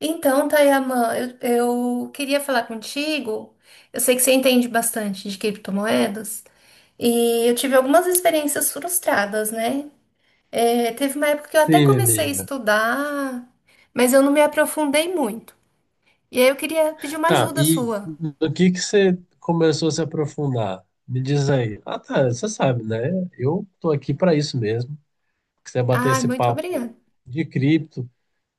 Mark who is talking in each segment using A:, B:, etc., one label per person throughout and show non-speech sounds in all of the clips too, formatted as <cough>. A: Então, Tayaman, eu queria falar contigo. Eu sei que você entende bastante de criptomoedas e eu tive algumas experiências frustradas, né? Teve uma época que eu até
B: Sim, minha
A: comecei a
B: amiga.
A: estudar, mas eu não me aprofundei muito. E aí eu queria pedir uma
B: Tá,
A: ajuda
B: e
A: sua.
B: no que você começou a se aprofundar? Me diz aí. Ah, tá, você sabe, né? Eu tô aqui para isso mesmo. Que você bater
A: Ai,
B: esse
A: muito
B: papo
A: obrigada.
B: de cripto,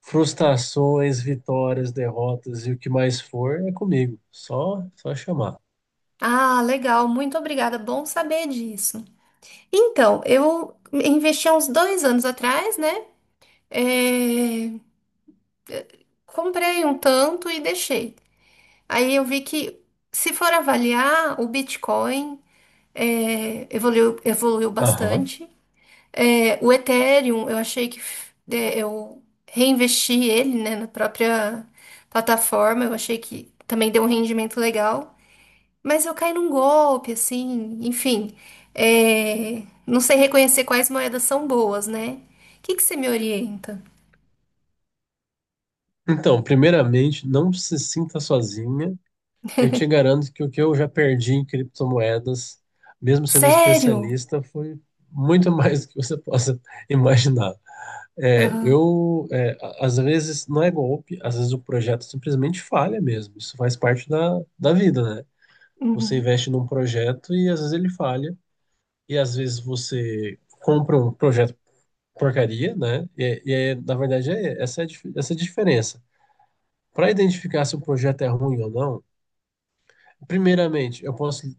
B: frustrações, vitórias, derrotas e o que mais for, é comigo. Só chamar.
A: Ah, legal, muito obrigada. Bom saber disso. Então, eu investi há uns dois anos atrás, né? É, Comprei um tanto e deixei. Aí eu vi que, se for avaliar, o Bitcoin evoluiu, evoluiu
B: Aham.
A: bastante. É, o Ethereum, eu achei que eu reinvesti ele, né, na própria plataforma. Eu achei que também deu um rendimento legal. Mas eu caí num golpe, assim, enfim. Não sei reconhecer quais moedas são boas, né? O que que você me orienta?
B: Então, primeiramente, não se sinta sozinha. Eu te garanto que o que eu já perdi em criptomoedas, mesmo sendo
A: Sério?
B: especialista, foi muito <laughs> mais do que você possa imaginar.
A: Aham.
B: Às vezes, não é golpe, às vezes o projeto simplesmente falha mesmo. Isso faz parte da vida, né? Você
A: Uhum.
B: investe num projeto e às vezes ele falha, e às vezes você compra um projeto porcaria, né? E aí, na verdade, essa é a diferença. Para identificar se o projeto é ruim ou não, primeiramente, eu posso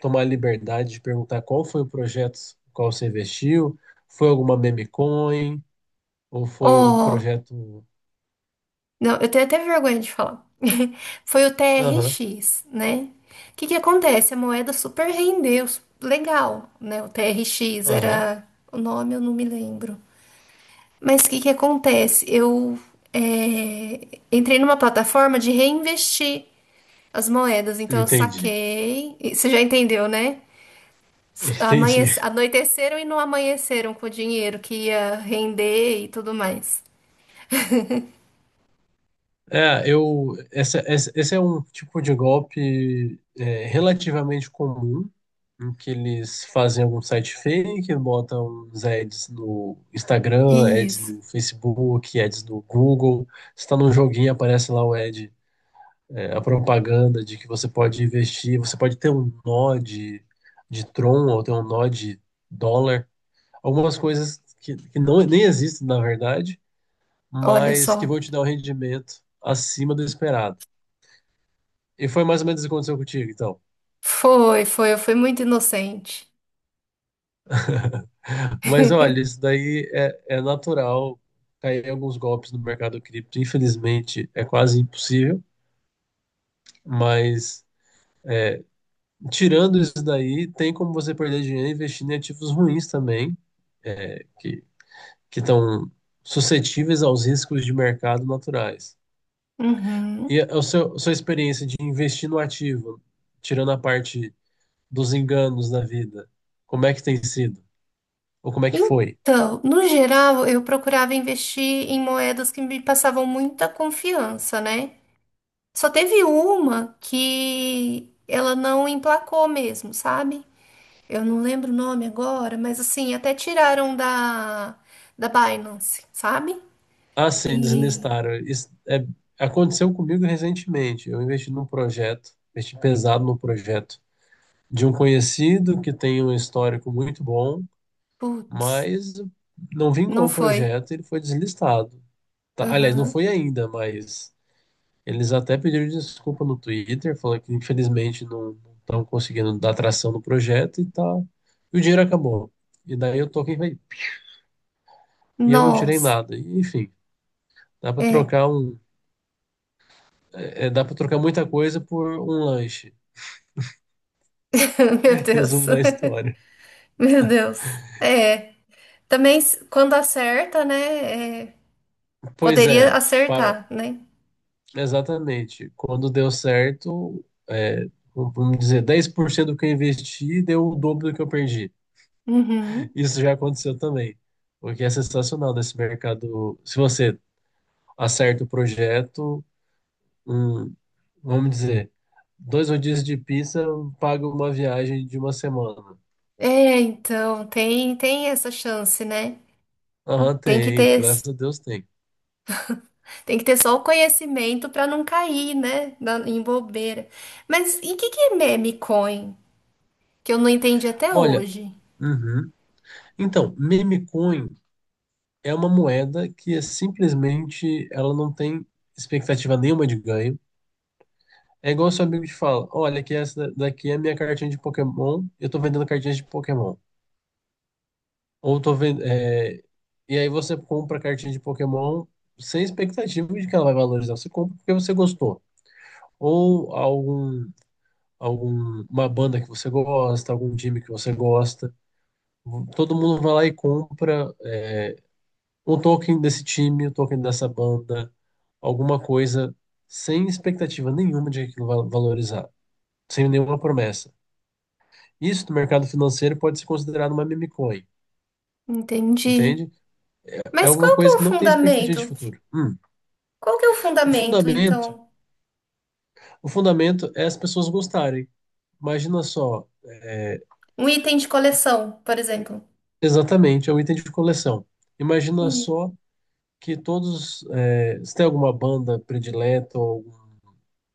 B: tomar a liberdade de perguntar qual foi o projeto no qual você investiu, foi alguma meme coin, ou foi um
A: Ó,
B: projeto.
A: não, eu tenho até vergonha de falar. <laughs> Foi o
B: Aham,
A: TRX, né? O que que acontece? A moeda super rendeu, su- legal, né? O TRX
B: aham.
A: era o nome, eu não me lembro. Mas o que que acontece? Eu é, entrei numa plataforma de reinvestir as moedas, então eu
B: Entendi,
A: saquei. E você já entendeu, né?
B: <laughs>
A: S-
B: entendi.
A: amanhece- Anoiteceram e não amanheceram com o dinheiro que ia render e tudo mais.
B: Esse é um tipo de golpe, relativamente comum, em que eles fazem algum site fake, botam uns ads no Instagram, ads
A: Isso.
B: no Facebook, ads no Google. Você está num joguinho, aparece lá o ad, a propaganda de que você pode investir, você pode ter um nó de Tron ou ter um nó de dólar, algumas coisas que não, nem existem na verdade,
A: Olha
B: mas que
A: só.
B: vão te dar um rendimento acima do esperado. E foi mais ou menos isso que aconteceu contigo, então.
A: Foi, foi, eu fui muito inocente.
B: Mas olha, isso daí é natural cair alguns golpes no mercado cripto, infelizmente é quase impossível, mas tirando isso daí, tem como você perder dinheiro investindo em ativos ruins também, é, que, que estão suscetíveis aos riscos de mercado naturais.
A: Uhum.
B: E a sua experiência de investir no ativo, tirando a parte dos enganos da vida, como é que tem sido? Ou como é que foi?
A: Então, no geral, eu procurava investir em moedas que me passavam muita confiança, né? Só teve uma que ela não emplacou mesmo, sabe? Eu não lembro o nome agora, mas assim, até tiraram da, da Binance, sabe?
B: Ah, sim,
A: E,
B: deslistaram. Aconteceu comigo recentemente. Eu investi num projeto, investi pesado no projeto de um conhecido que tem um histórico muito bom,
A: putz,
B: mas não vingou
A: não
B: o
A: foi.
B: projeto, ele foi deslistado. Tá, aliás, não
A: Aham.
B: foi ainda, mas eles até pediram desculpa no Twitter, falando que infelizmente não estão conseguindo dar tração no projeto e tá. E o dinheiro acabou. E daí eu tô quem vai. E eu não tirei
A: Nossa,
B: nada. E, enfim, dá para
A: é.
B: trocar um, dá para trocar muita coisa por um lanche.
A: <laughs> Meu
B: <laughs>
A: Deus.
B: Resumo da história.
A: <laughs> Meu Deus. É. Também, s- quando acerta, né?
B: Pois
A: Poderia
B: é, pa-
A: acertar, né?
B: exatamente. Quando deu certo, vamos dizer, 10% do que eu investi deu o dobro do que eu perdi.
A: Uhum.
B: Isso já aconteceu também. O que é sensacional nesse mercado. Se você acerta o projeto, hum, vamos dizer, dois rodízios de pizza paga uma viagem de uma semana.
A: É, então, tem, tem essa chance, né?
B: Aham,
A: Tem que
B: tem,
A: ter,
B: graças a Deus tem.
A: tem que ter só o conhecimento para não cair, né? Na- em bobeira. Mas e o que, que é meme coin? Que eu não entendi até
B: Olha,
A: hoje.
B: uhum. Então, meme coin é uma moeda que é simplesmente ela não tem expectativa nenhuma de ganho. É igual seu amigo te fala, olha que essa daqui é a minha cartinha de Pokémon, eu tô vendendo cartinhas de Pokémon. Ou tô vendo. E aí você compra a cartinha de Pokémon sem expectativa de que ela vai valorizar. Você compra porque você gostou. Ou uma banda que você gosta, algum time que você gosta. Todo mundo vai lá e compra um token desse time, um token dessa banda, alguma coisa sem expectativa nenhuma de que aquilo vai valorizar, sem nenhuma promessa. Isso no mercado financeiro pode ser considerado uma meme coin,
A: Entendi.
B: entende? É
A: Mas
B: alguma
A: qual que é
B: coisa
A: o
B: que não tem expectativa de
A: fundamento?
B: futuro.
A: Qual que é o
B: O
A: fundamento,
B: fundamento,
A: então?
B: o fundamento é as pessoas gostarem. Imagina só,
A: Um item de coleção, por exemplo.
B: exatamente, é um item de coleção. Imagina
A: Entendi.
B: só que se tem alguma banda predileta, ou algum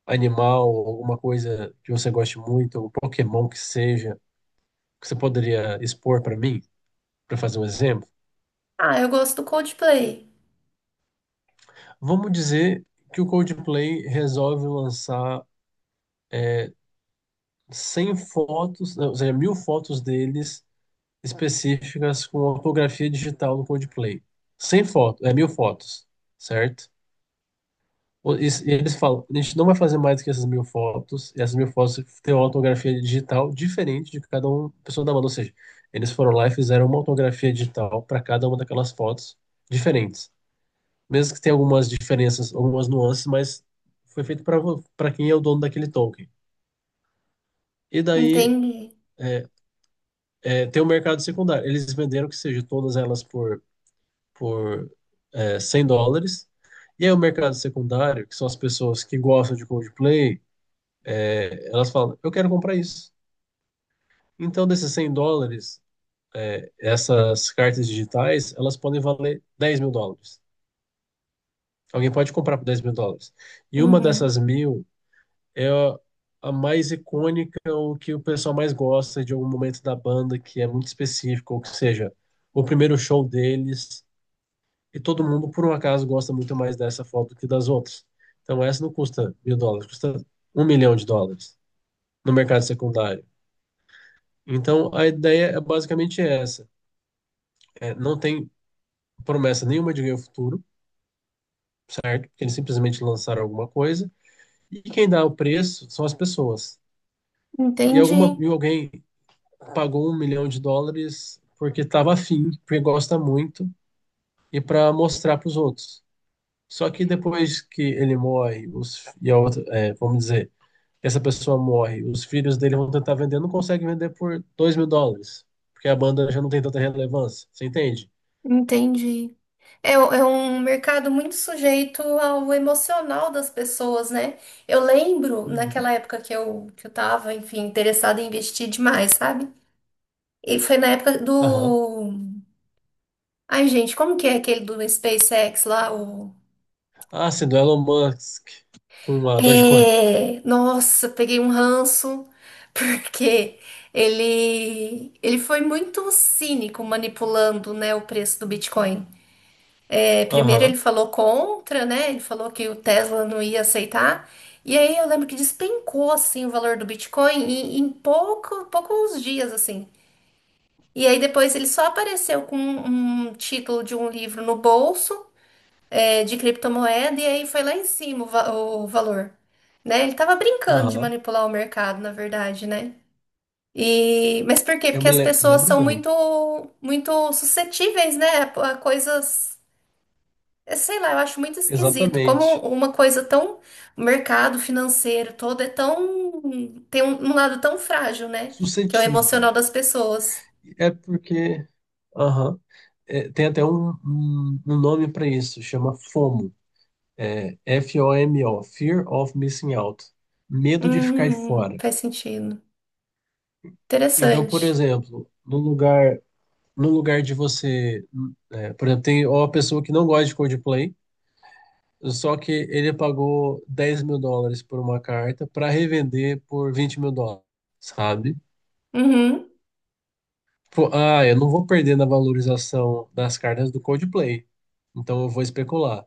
B: animal, ou alguma coisa que você goste muito, ou Pokémon que seja, que você poderia expor para mim, para fazer um exemplo.
A: Ah, eu gosto do Coldplay.
B: Vamos dizer que o Coldplay resolve lançar 100 fotos, ou seja, mil fotos deles específicas com ortografia digital no Codeplay. Sem foto é mil fotos, certo? E eles falam, a gente não vai fazer mais do que essas mil fotos, e essas mil fotos têm uma ortografia digital diferente de cada uma pessoa da banda. Ou seja, eles foram lá e fizeram uma ortografia digital para cada uma daquelas fotos diferentes. Mesmo que tenha algumas diferenças, algumas nuances, mas foi feito para quem é o dono daquele token. E daí
A: Entendi.
B: é, tem o mercado secundário. Eles venderam que seja todas elas por por 100 dólares. E aí o mercado secundário, que são as pessoas que gostam de Coldplay, elas falam, eu quero comprar isso. Então, desses 100 dólares, essas cartas digitais, elas podem valer 10.000 dólares. Alguém pode comprar por 10.000 dólares. E uma
A: Uhum.
B: dessas mil é a mais icônica, ou que o pessoal mais gosta de algum momento da banda que é muito específico, ou que seja, o primeiro show deles, e todo mundo, por um acaso, gosta muito mais dessa foto que das outras. Então, essa não custa mil dólares, custa um milhão de dólares no mercado secundário. Então, a ideia é basicamente essa: não tem promessa nenhuma de ganho futuro, porque eles simplesmente lançaram alguma coisa, e quem dá o preço são as pessoas. E,
A: Entendi,
B: alguma, e alguém pagou um milhão de dólares porque estava afim, porque gosta muito, e para mostrar para os outros. Só que depois que ele morre, os, e a outra, é, vamos dizer, essa pessoa morre, os filhos dele vão tentar vender, não conseguem vender por 2.000 dólares, porque a banda já não tem tanta relevância, você entende?
A: entendi. É, u- é um mercado muito sujeito ao emocional das pessoas, né? Eu lembro
B: Uhum.
A: naquela época que eu tava, enfim, interessada em investir demais, sabe? E foi na época
B: Aham.
A: do. Ai, gente, como que é aquele do SpaceX lá? O...
B: Ah, sim, do Elon Musk com a Dogecoin.
A: É... Nossa, peguei um ranço, <laughs> porque ele foi muito cínico manipulando, né, o preço do Bitcoin. É, primeiro ele
B: Aham,
A: falou contra, né? Ele falou que o Tesla não ia aceitar. E aí eu lembro que despencou assim o valor do Bitcoin em, em pouco, poucos dias assim. E aí depois ele só apareceu com um título de um livro no bolso, de criptomoeda e aí foi lá em cima o, va- o valor, né? Ele tava brincando de
B: aham.
A: manipular o mercado, na verdade, né? E mas por quê?
B: Eu
A: Porque
B: me,
A: as
B: le- me
A: pessoas
B: lembro
A: são
B: bem.
A: muito muito suscetíveis, né, a coisas. É, sei lá, eu acho muito esquisito. Como
B: Exatamente.
A: uma coisa tão. O mercado financeiro todo é tão. Tem um, um lado tão frágil, né? Que é o
B: Suscetível.
A: emocional das pessoas.
B: É porque. Aham. É, tem até um nome para isso, chama FOMO. FOMO, Fear of Missing Out. Medo de ficar de fora.
A: Faz sentido.
B: Então, por
A: Interessante.
B: exemplo, no lugar de você. Por exemplo, tem uma pessoa que não gosta de Coldplay, só que ele pagou 10.000 dólares por uma carta para revender por 20.000 dólares, sabe?
A: Uhum,
B: Tipo, ah, eu não vou perder na valorização das cartas do Coldplay, então eu vou especular.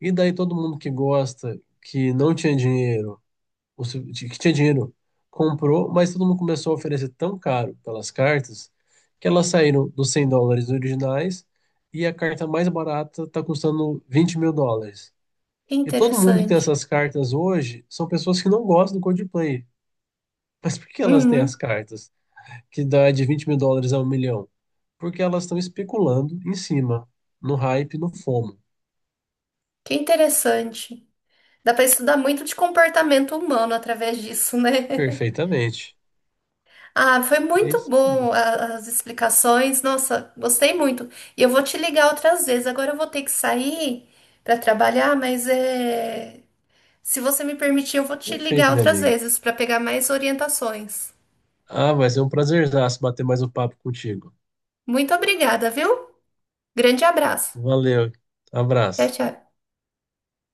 B: E daí todo mundo que gosta, que não tinha dinheiro, que tinha dinheiro, comprou, mas todo mundo começou a oferecer tão caro pelas cartas que elas saíram dos 100 dólares originais e a carta mais barata está custando 20.000 dólares.
A: que
B: E todo mundo que tem
A: interessante.
B: essas cartas hoje são pessoas que não gostam do Coldplay. Mas por que elas têm as
A: Uhum,
B: cartas que dá de 20.000 dólares a um milhão? Porque elas estão especulando em cima, no hype, no FOMO.
A: que interessante. Dá pra estudar muito de comportamento humano através disso, né? <laughs>
B: Perfeitamente.
A: Ah, foi
B: É
A: muito
B: isso mesmo.
A: bom a- as explicações. Nossa, gostei muito. E eu vou te ligar outras vezes. Agora eu vou ter que sair para trabalhar, mas é... se você me permitir, eu vou te
B: Perfeito,
A: ligar
B: minha
A: outras
B: amiga.
A: vezes para pegar mais orientações.
B: Ah, vai ser um prazerzaço bater mais um papo contigo.
A: Muito obrigada, viu? Grande abraço.
B: Valeu,
A: Tchau,
B: abraço.
A: tchau.